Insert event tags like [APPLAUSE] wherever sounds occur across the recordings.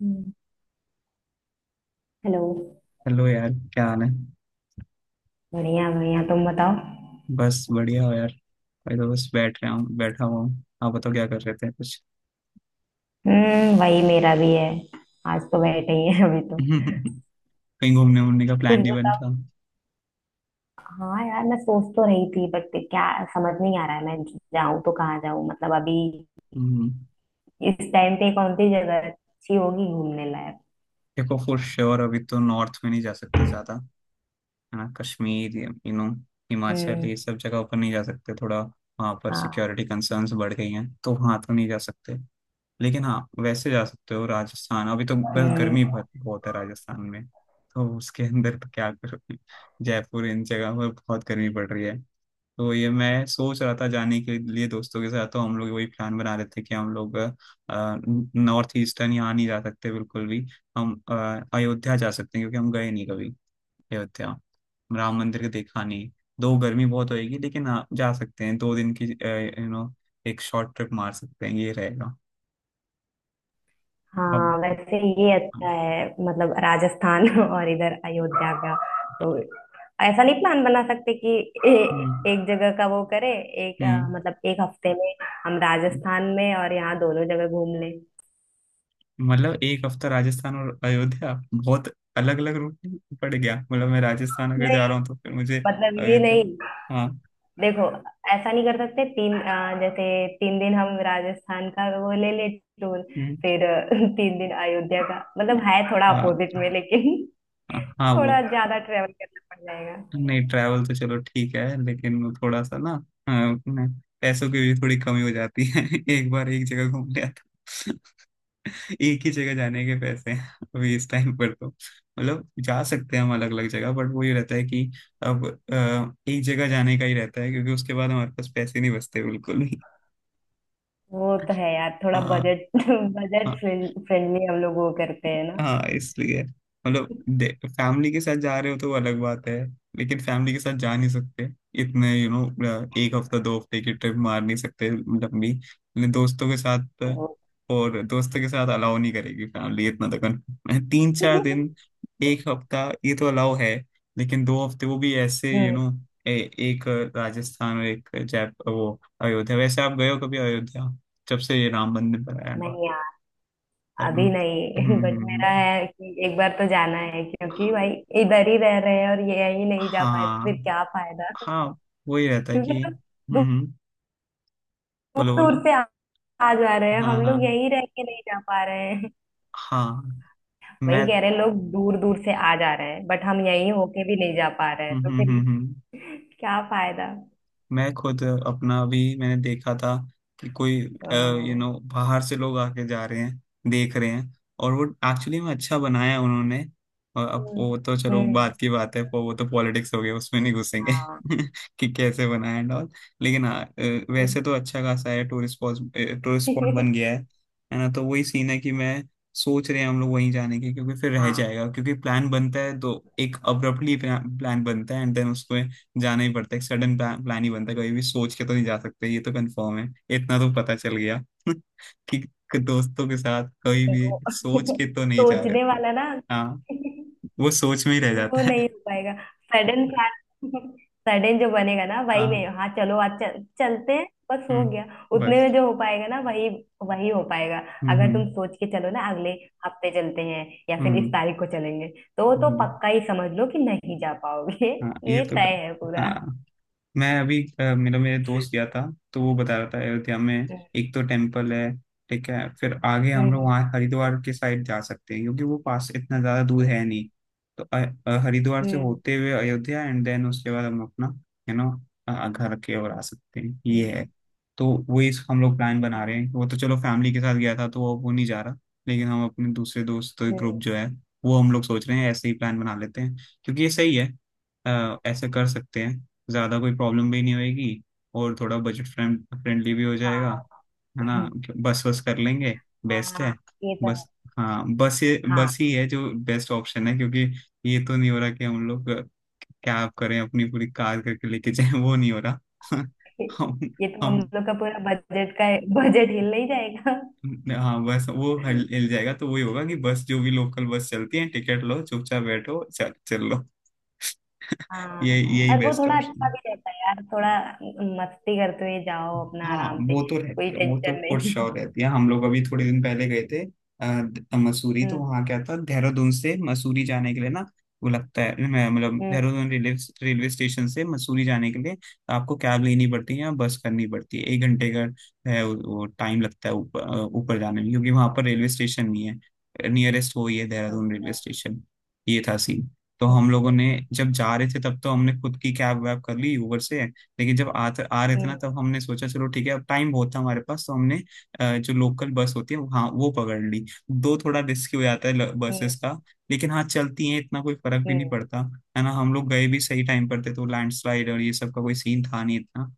हम्म। Hello. Hello यार। क्या हाल है? बढ़िया बढ़िया, तुम बताओ। बस बढ़िया हो यार। मैं तो बस बैठा हुआ हूँ। आप बताओ क्या कर रहे थे कुछ? वही मेरा भी है। आज तो बैठे ही है अभी तो। [LAUGHS] कहीं घूमने वूमने का कुछ प्लान नहीं बन बताओ। रहा। हाँ यार, मैं सोच तो रही थी बट क्या समझ नहीं आ रहा है मैं जाऊं तो कहाँ जाऊं। मतलब अभी हम्म, इस टाइम पे कौन सी जगह अच्छी होगी घूमने लायक। देखो फॉर श्योर अभी तो नॉर्थ में नहीं जा सकते ज्यादा। है ना, कश्मीर, यू नो हिमाचल ये हम्म। सब जगह ऊपर नहीं जा सकते। थोड़ा वहाँ पर हाँ। सिक्योरिटी कंसर्न्स बढ़ गई हैं तो वहाँ तो नहीं जा सकते। लेकिन हाँ, वैसे जा सकते हो राजस्थान। अभी तो बस हम्म। गर्मी बहुत बहुत है राजस्थान में। तो उसके अंदर तो क्या करोगे। जयपुर इन जगह पर बहुत गर्मी पड़ रही है। तो ये मैं सोच रहा था जाने के लिए दोस्तों के साथ, तो हम लोग वही प्लान बना रहे थे कि हम लोग नॉर्थ ईस्टर्न यहाँ नहीं जा सकते बिल्कुल भी। हम अयोध्या जा सकते हैं क्योंकि हम गए नहीं कभी अयोध्या। राम मंदिर के देखा नहीं। दो गर्मी बहुत होएगी, लेकिन हाँ जा सकते हैं 2 दिन की। एक शॉर्ट ट्रिप मार सकते हैं, ये रहेगा। अब। हाँ वैसे ये अच्छा है, मतलब राजस्थान [LAUGHS] और इधर अयोध्या का तो ऐसा नहीं प्लान बना सकते कि हम्म। एक जगह का वो करे। हम्म, मतलब एक हफ्ते में हम हम्म। राजस्थान में और यहाँ दोनों जगह घूम लें। मतलब एक हफ्ता राजस्थान और अयोध्या बहुत अलग अलग रूट पड़ गया। मतलब मैं राजस्थान अगर जा नहीं, रहा हूँ तो फिर मुझे मतलब ये अयोध्या। नहीं। हाँ। देखो, ऐसा नहीं कर सकते तीन जैसे तीन दिन हम राजस्थान का वो ले ले टूर। हम्म, फिर [LAUGHS] तीन दिन अयोध्या का, मतलब है थोड़ा हाँ, अपोजिट में लेकिन हाँ, [LAUGHS] वो थोड़ा ज्यादा ट्रेवल करना पड़ जाएगा। नहीं। ट्रैवल तो चलो ठीक है लेकिन वो थोड़ा सा ना। हाँ, अपने पैसों की भी थोड़ी कमी हो जाती है। [LAUGHS] एक बार एक जगह घूम लिया था, एक ही जगह जाने के पैसे हैं। अभी इस टाइम पर तो मतलब जा सकते हैं हम अलग अलग जगह, बट वो ये रहता है कि अब एक जगह जाने का ही रहता है क्योंकि उसके बाद हमारे पास पैसे नहीं बचते बिल्कुल भी। वो तो है यार, थोड़ा हाँ। बजट बजट हाँ। फ्रेंडली [LAUGHS] हम लोग वो करते हैं ना। हाँ, इसलिए मतलब फैमिली के साथ जा रहे हो तो वो अलग बात है। लेकिन फैमिली के साथ जा नहीं सकते इतने। यू you नो एक हफ्ता 2 हफ्ते की ट्रिप मार नहीं सकते लंबी, लेकिन दोस्तों के साथ। वो और दोस्तों के साथ अलाउ नहीं करेगी फैमिली इतना तो, confirm है 3-4 दिन, [LAUGHS] एक हफ्ता, ये तो अलाउ है। लेकिन 2 हफ्ते वो भी ऐसे यू you हम्म। नो एक राजस्थान और एक जय वो अयोध्या। वैसे आप गए हो कभी अयोध्या? जब से ये राम मंदिर बनाया हुआ नहीं यार, है। हम्म, अभी नहीं। [LAUGHS] हम्म, बट मेरा है कि एक बार तो जाना है क्योंकि भाई इधर ही रह रहे हैं और ये यही नहीं जा पाए तो फिर हाँ। क्या फायदा। हाँ, वही [LAUGHS] रहता है क्योंकि कि लोग हम्म दूर हम्म, बोलो बोलो। दूर से आ आ जा रहे हैं, हाँ, हम लोग हाँ। यही रह के नहीं जा पा रहे हैं। हाँ, [LAUGHS] वही मैं। कह रहे हैं, लोग दूर दूर से आ जा रहे हैं बट हम यही होके भी नहीं जा पा रहे हैं, हम्म तो फिर हम्म हम्म, [LAUGHS] क्या फायदा। मैं खुद अपना अभी मैंने देखा था कि कोई अ, बाहर से लोग आके जा रहे हैं, देख रहे हैं। और वो एक्चुअली में अच्छा बनाया उन्होंने। और अब हम्म। वो तो चलो बात हम्म। की बात है, पर वो तो पॉलिटिक्स हो गया उसमें नहीं घुसेंगे। हाँ। [LAUGHS] कि कैसे बनाया एंड ऑल। लेकिन हाँ, वैसे तो अच्छा खासा है टूरिस्ट स्पॉट। टूरिस्ट स्पॉट [LAUGHS] बन गया है। है ना? तो वही सीन है कि मैं सोच रहे हैं हम लोग वहीं जाने की क्योंकि फिर रह हाँ जाएगा, क्योंकि प्लान बनता है तो एक अब्रप्टली प्लान बनता है एंड देन उसको जाना ही पड़ता है। सडन प्लान ही बनता है, कभी भी सोच के तो नहीं जा सकते, ये तो कंफर्म है, इतना तो पता चल गया। [LAUGHS] कि दोस्तों के साथ कभी भी वो। सोच [LAUGHS] के तो नहीं जा रहे सोचने थे। वाला ना। हाँ, वो सोच में ही [LAUGHS] रह वो जाता है। नहीं हो पाएगा सडन प्लान। सडन [LAUGHS] जो बनेगा ना वही हाँ। में, हाँ चलो आज चलते हैं, बस हो हम्म, गया। उतने में बस। जो हो पाएगा ना, वही वही हो पाएगा। हम्म अगर हम्म तुम सोच के चलो ना अगले हफ्ते चलते हैं या फिर इस हम्म तारीख को चलेंगे, तो वो तो हम्म, पक्का ही समझ लो कि नहीं जा पाओगे। हाँ, [LAUGHS] ये ये तो। तय है पूरा। हाँ, मैं अभी अ, मेरा मेरे दोस्त गया था। तो वो बता रहा था अयोध्या में एक तो टेम्पल है। ठीक है, फिर आगे हम लोग हम्म। वहाँ हरिद्वार के साइड जा सकते हैं क्योंकि वो पास इतना ज्यादा दूर है नहीं। तो हरिद्वार से हम्म। होते हुए अयोध्या एंड देन उसके बाद हम अपना यू नो घर के और आ सकते हैं, ये हम्म। है। तो वही हम लोग प्लान बना हाँ। रहे हैं। वो तो चलो फैमिली के साथ गया था तो वो नहीं जा रहा, लेकिन हम अपने दूसरे दोस्त ग्रुप हम्म। जो है वो हम लोग सोच रहे हैं ऐसे ही प्लान बना लेते हैं क्योंकि ये सही है। ऐसे कर सकते हैं, ज़्यादा कोई प्रॉब्लम भी नहीं होएगी, और थोड़ा बजट फ्रेंडली भी हो जाएगा। हाँ। है ना? [LAUGHS] बस वस कर लेंगे, बेस्ट हाँ है। ये तो है। बस। हाँ बस, ये बस हाँ। ही है जो बेस्ट ऑप्शन है। क्योंकि ये तो नहीं हो रहा कि हम लोग कैब करें अपनी, पूरी कार करके लेके जाए, वो नहीं हो रहा। [LAUGHS] हम ये तो हम हम लोग का पूरा बजट का, बजट हिल नहीं जाएगा। हाँ, बस वो हिल हिल जाएगा तो वही होगा कि बस जो भी लोकल बस चलती है, टिकट लो, चुपचाप बैठो, चल चल लो। [LAUGHS] ये हाँ, यही और वो बेस्ट थोड़ा अच्छा ऑप्शन। भी रहता है यार, थोड़ा मस्ती करते हुए जाओ अपना हाँ, आराम से, वो तो कोई रहती है, वो तो टेंशन फॉर नहीं। श्योर रहती है। हम लोग अभी थोड़े दिन पहले गए थे मसूरी। तो हम्म। वहाँ क्या था, देहरादून से मसूरी जाने के लिए ना, वो लगता है मतलब हम्म। देहरादून रेलवे रेलवे स्टेशन से मसूरी जाने के लिए आपको कैब लेनी पड़ती है या बस करनी पड़ती है, एक घंटे का है वो टाइम लगता है ऊपर ऊपर जाने में, क्योंकि वहाँ पर रेलवे स्टेशन नहीं है नियरेस्ट, वो ही है देहरादून रेलवे स्टेशन, ये था सीन। तो हम लोगों अच्छा। ने जब जा रहे थे तब तो हमने खुद की कैब वैब कर ली ऊबर से, लेकिन जब आ रहे थे हम्म। ना तब हमने सोचा चलो ठीक है, अब टाइम बहुत था हमारे पास तो हमने जो लोकल बस होती है, हाँ वो पकड़ ली। दो थोड़ा रिस्की हो जाता है हम्म। बसेस का, लेकिन हाँ चलती हैं, इतना कोई फर्क भी हम्म। नहीं पड़ता। है ना? हम लोग गए भी सही टाइम पर थे तो लैंडस्लाइड और ये सब का कोई सीन था नहीं इतना।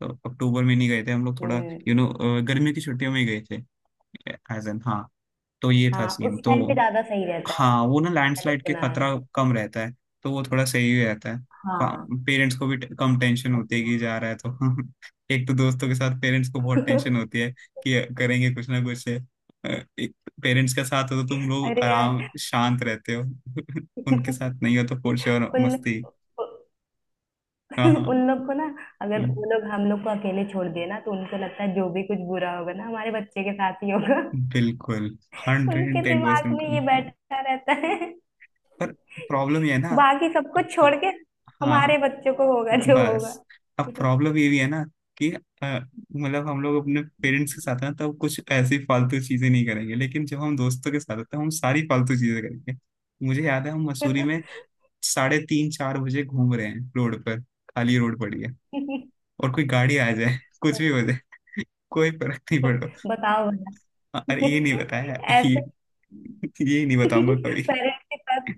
तो अक्टूबर में नहीं गए थे हम लोग, थोड़ा हम्म। गर्मी की छुट्टियों में ही गए थे एज एन, हाँ। तो ये था हाँ, सीन। उस तो टाइम पे ज्यादा सही रहता है, हाँ, वो ना मैंने लैंडस्लाइड के सुना है। खतरा कम रहता है तो वो थोड़ा सही रहता है। हाँ। पेरेंट्स को भी कम टेंशन होती है कि जा रहा है तो। [LAUGHS] एक तो दोस्तों के साथ पेरेंट्स को बहुत टेंशन होती [LAUGHS] है, कि करेंगे कुछ ना कुछ। पेरेंट्स के साथ हो तो तुम लोग अरे यार। आराम शांत रहते हो। [LAUGHS] उनके साथ [LAUGHS] नहीं हो तो फोर श्योर उन मस्ती। हाँ, [LAUGHS] हाँ। उन लोग को ना, अगर हम्म, वो लोग हम लोग को अकेले छोड़ दिए ना तो उनको लगता है जो भी कुछ बुरा होगा ना हमारे बच्चे के साथ ही होगा। बिल्कुल [LAUGHS] हंड्रेड उनके एंड टेन दिमाग परसेंट में ये बैठा रहता है। [LAUGHS] पर प्रॉब्लम ये है ना। हाँ, बाकी सबको छोड़ के हाँ, हाँ। हमारे बच्चों को होगा जो होगा। बस। अब प्रॉब्लम ये भी है ना कि मतलब हम लोग अपने पेरेंट्स के साथ हैं तब कुछ ऐसी फालतू चीजें नहीं करेंगे, लेकिन जब हम दोस्तों के साथ होते हैं हम सारी फालतू चीजें करेंगे। मुझे याद है हम मसूरी में [LAUGHS] साढ़े तीन चार बजे घूम रहे हैं रोड पर, खाली रोड पड़ी है, और कोई गाड़ी आ जाए, [LAUGHS] कुछ भी हो जाए, [LAUGHS] कोई फर्क नहीं पड़ बताओ भला। रहा। अरे ये नहीं बताया, [LAUGHS] ये ऐसे ये नहीं [LAUGHS] बताऊंगा कभी। पेरेंट्स के साथ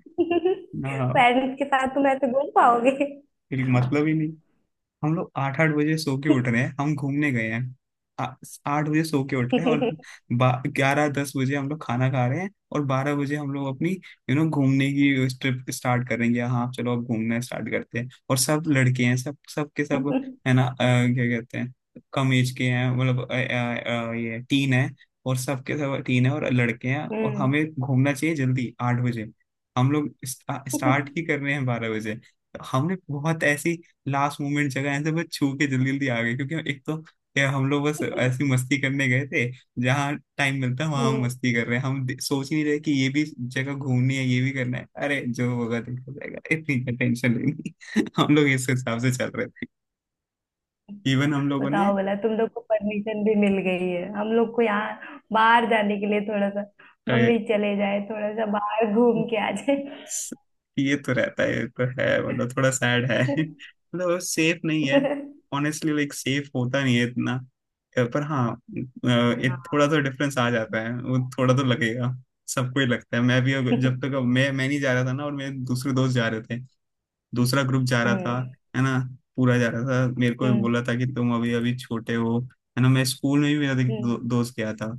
ना, [LAUGHS] पेरेंट्स के साथ तुम ऐसे घूम पाओगे। मतलब ही नहीं। हम लोग आठ आठ बजे सो के उठ रहे हैं, हम घूमने गए हैं। आ- आठ बजे सो के उठ रहे हैं, [LAUGHS] और 11:10 बजे हम लोग खाना खा रहे हैं, और 12 बजे हम लोग अपनी घूमने की ट्रिप स्टार्ट करेंगे। हाँ चलो अब घूमना स्टार्ट करते हैं। और सब लड़के हैं, सब सब के सब। हम्म। है ना? क्या कहते हैं, कम एज के हैं, मतलब ये टीन है, और सब के सब टीन है और लड़के हैं, और हमें घूमना चाहिए जल्दी। 8 बजे हम लोग स्टार्ट ही [LAUGHS] कर रहे हैं 12 बजे। हमने बहुत ऐसी लास्ट मोमेंट जगह ऐसे बस छू के जल्दी जल्दी आ गए, क्योंकि एक तो क्या हम लोग बस ऐसी मस्ती करने गए थे। जहाँ टाइम मिलता है वहां हम हम्म, मस्ती कर रहे हैं, हम सोच ही नहीं रहे कि ये भी जगह घूमनी है, ये भी करना है, अरे जो होगा देखा जाएगा, इतनी टेंशन लेनी। [LAUGHS] हम लोग इस हिसाब से चल रहे थे। इवन हम लोगों ने। बताओ, बोला तुम लोग को परमिशन भी मिल गई है हम लोग को यहाँ बाहर जाने के लिए थोड़ा सा, मम्मी चले जाए थोड़ा सा बाहर घूम के आ जाए। ये तो रहता है, ये तो है, मतलब थोड़ा सैड है। [LAUGHS] मतलब सेफ नहीं है, ऑनेस्टली लाइक सेफ होता नहीं है इतना। पर हाँ, एक हाँ। थोड़ा तो डिफरेंस आ जाता है, वो थोड़ा तो लगेगा। सबको ही लगता है। मैं भी जब तक अब मैं नहीं जा रहा था ना, और मेरे दूसरे दोस्त जा रहे थे, दूसरा ग्रुप जा रहा था। हम्म। है ना? पूरा जा रहा था, मेरे को भी हम्म। बोला था कि तुम अभी अभी छोटे हो। है ना? मैं स्कूल में भी मेरा एक दो, हम्म। दोस्त गया था।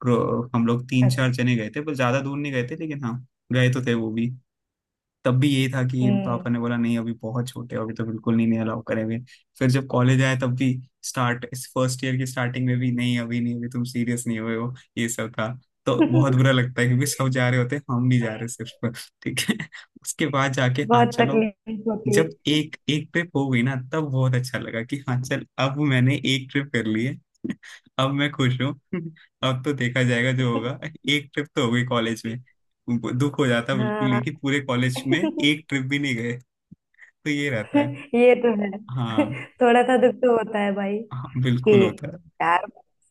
हम लोग तीन अच्छा, चार जने गए थे पर ज्यादा दूर नहीं गए थे, लेकिन हाँ गए तो थे वो भी। तब भी यही था कि हम्म। पापा ने बोला नहीं, अभी बहुत छोटे हो, अभी तो बिल्कुल नहीं, नहीं अलाउ करेंगे। फिर जब कॉलेज आया तब भी, स्टार्ट इस फर्स्ट ईयर की स्टार्टिंग में भी, नहीं अभी नहीं, अभी तुम सीरियस नहीं हुए हो, ये सब था। तो बहुत बुरा [LAUGHS] लगता है क्योंकि सब जा रहे होते हैं हम नहीं जा रहे सिर्फ, ठीक है। [LAUGHS] उसके बाद जाके हाँ बहुत चलो, तकलीफ होती जब है। एक एक ट्रिप हो गई ना तब बहुत अच्छा लगा कि हाँ चल अब मैंने एक ट्रिप कर ली है। [LAUGHS] अब मैं खुश हूँ। [LAUGHS] अब तो देखा जाएगा जो होगा। [LAUGHS] एक ट्रिप तो हो गई कॉलेज में। दुख हो जाता बिल्कुल हाँ। ही कि पूरे कॉलेज में [LAUGHS] एक ट्रिप भी नहीं गए। तो ये रहता है। ये तो है, हाँ। थोड़ा सा दुख तो होता है भाई हाँ कि बिल्कुल होता है। यार,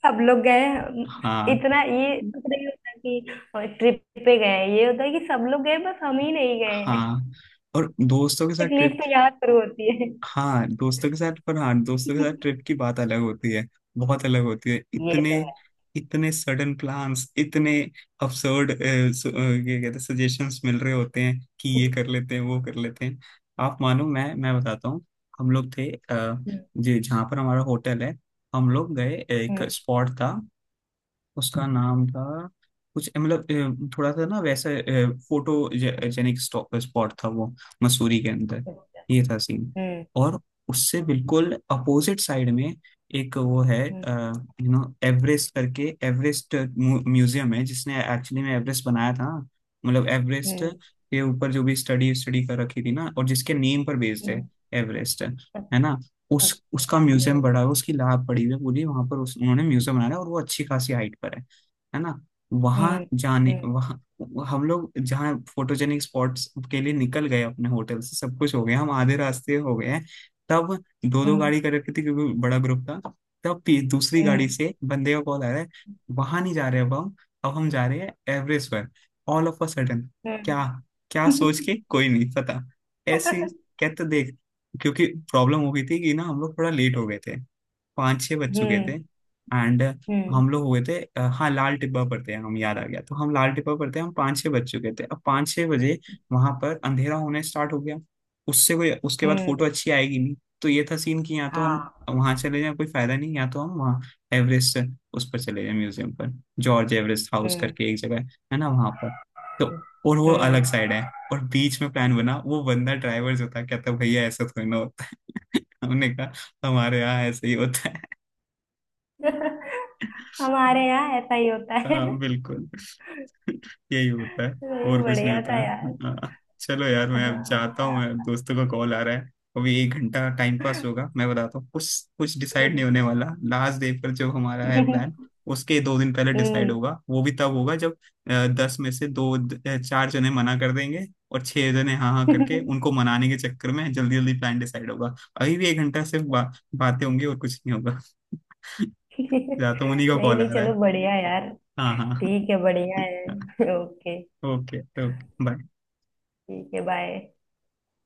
सब लोग गए हैं। हाँ इतना ये दुख नहीं होता कि ट्रिप पे गए हैं। ये होता है कि सब लोग गए बस हम ही नहीं गए हैं। हाँ। और दोस्तों के साथ तकलीफ ट्रिप। तो यहाँ शुरू होती है। हाँ दोस्तों के साथ, पर हाँ दोस्तों के साथ ट्रिप [LAUGHS] की बात अलग होती है। बहुत अलग होती है। ये तो इतने है। इतने सडन प्लान्स, इतने absurd, ये कहते हैं, सजेशंस मिल रहे होते हैं कि ये कर लेते हैं, वो कर लेते हैं। आप मानो, मैं बताता हूँ। हम लोग थे हम्म। जहाँ पर हमारा होटल है। हम लोग गए, एक हम्म। स्पॉट था, उसका नाम था कुछ, मतलब थोड़ा सा ना वैसा फोटो जेनिक स्पॉट था वो, मसूरी के अंदर। अच्छा। ये था सीन। हम्म। और उससे बिल्कुल अपोजिट साइड में एक वो है, हम्म। एवरेस्ट करके, एवरेस्ट म्यूजियम है, जिसने एक्चुअली में एवरेस्ट बनाया था। मतलब एवरेस्ट हम्म। के ऊपर जो भी स्टडी स्टडी कर रखी थी ना, और जिसके नेम पर बेस्ड है हम्म। एवरेस्ट है ना। उस अच्छा। उसका हम्म। म्यूजियम बड़ा है, उसकी लैब पड़ी हुई है पूरी वहां पर। उस उन्होंने म्यूजियम बनाया है, और वो अच्छी खासी हाइट पर है ना। वहां हम्म। जाने, हम्म। वहां हम लोग जहाँ फोटोजेनिक स्पॉट्स के लिए निकल गए अपने होटल से, सब कुछ हो गया, हम आधे रास्ते हो गए हैं। तब दो दो हम्म। गाड़ी कर रखी थी, क्योंकि बड़ा ग्रुप था। तब दूसरी गाड़ी हम्म। से बंदे का कॉल आ रहा है। वहां नहीं जा रहे अब हम। अब हम जा रहे हैं एवरेस्ट पर, ऑल ऑफ अ सडन। क्या, हम्म। क्या सोच के कोई नहीं पता, ऐसी [LAUGHS] कहते देख। क्योंकि प्रॉब्लम हो गई थी कि ना, हम लोग थोड़ा लेट हो गए थे, 5-6 बज चुके थे। हम्म। एंड हम्म। हम लोग हुए थे हाँ, लाल टिब्बा पर थे हम, याद आ गया। तो हम लाल टिब्बा पर थे हम, 5-6 बज चुके थे। अब 5-6 बजे वहां पर अंधेरा होने स्टार्ट हो गया। उससे कोई उसके बाद फोटो हम्म। अच्छी आएगी नहीं। तो ये था सीन, कि या तो हम हाँ। वहां चले जाएं, कोई फायदा नहीं, या तो हम वहाँ एवरेस्ट, उस पर चले जाएं, म्यूजियम पर। जॉर्ज एवरेस्ट हाउस हम्म। करके एक जगह है ना वहां पर। तो और वो अलग हम्म। साइड है। और बीच में प्लान बना, वो बंदा ड्राइवर जो था, कहता भैया ऐसा थोड़ी ना होता है। [LAUGHS] हमने कहा, हमारे यहाँ ऐसे ही होता हम्म। है। [LAUGHS] हमारे यहाँ ऐसा ही होता है। हाँ बिल्कुल। [LAUGHS] यही होता है। नहीं, और कुछ नहीं बढ़िया होता। था यार। हाँ, चलो यार, मैं अब हाँ जाता हूँ, मैं दोस्तों का कॉल आ रहा है। अभी 1 घंटा टाइम पास होगा, मैं बताता हूँ कुछ। कुछ डिसाइड नहीं होने वाला। लास्ट डे पर जो हमारा है प्लान, उसके 2 दिन पहले डिसाइड हम्म। होगा, वो भी तब होगा जब 10 में से 2, 4 जने मना कर देंगे। और 6 जने हाँ हाँ करके, [LAUGHS] उनको मनाने के चक्कर में जल्दी जल्दी प्लान डिसाइड होगा। अभी भी 1 घंटा सिर्फ बातें होंगी, और कुछ नहीं होगा। [LAUGHS] जाता हूँ, उन्हीं का नहीं कॉल आ नहीं, रहा चलो है। बढ़िया यार। हाँ हाँ। ठीक है, बढ़िया है। ओके। Okay okay. बाय। ठीक है, बाय।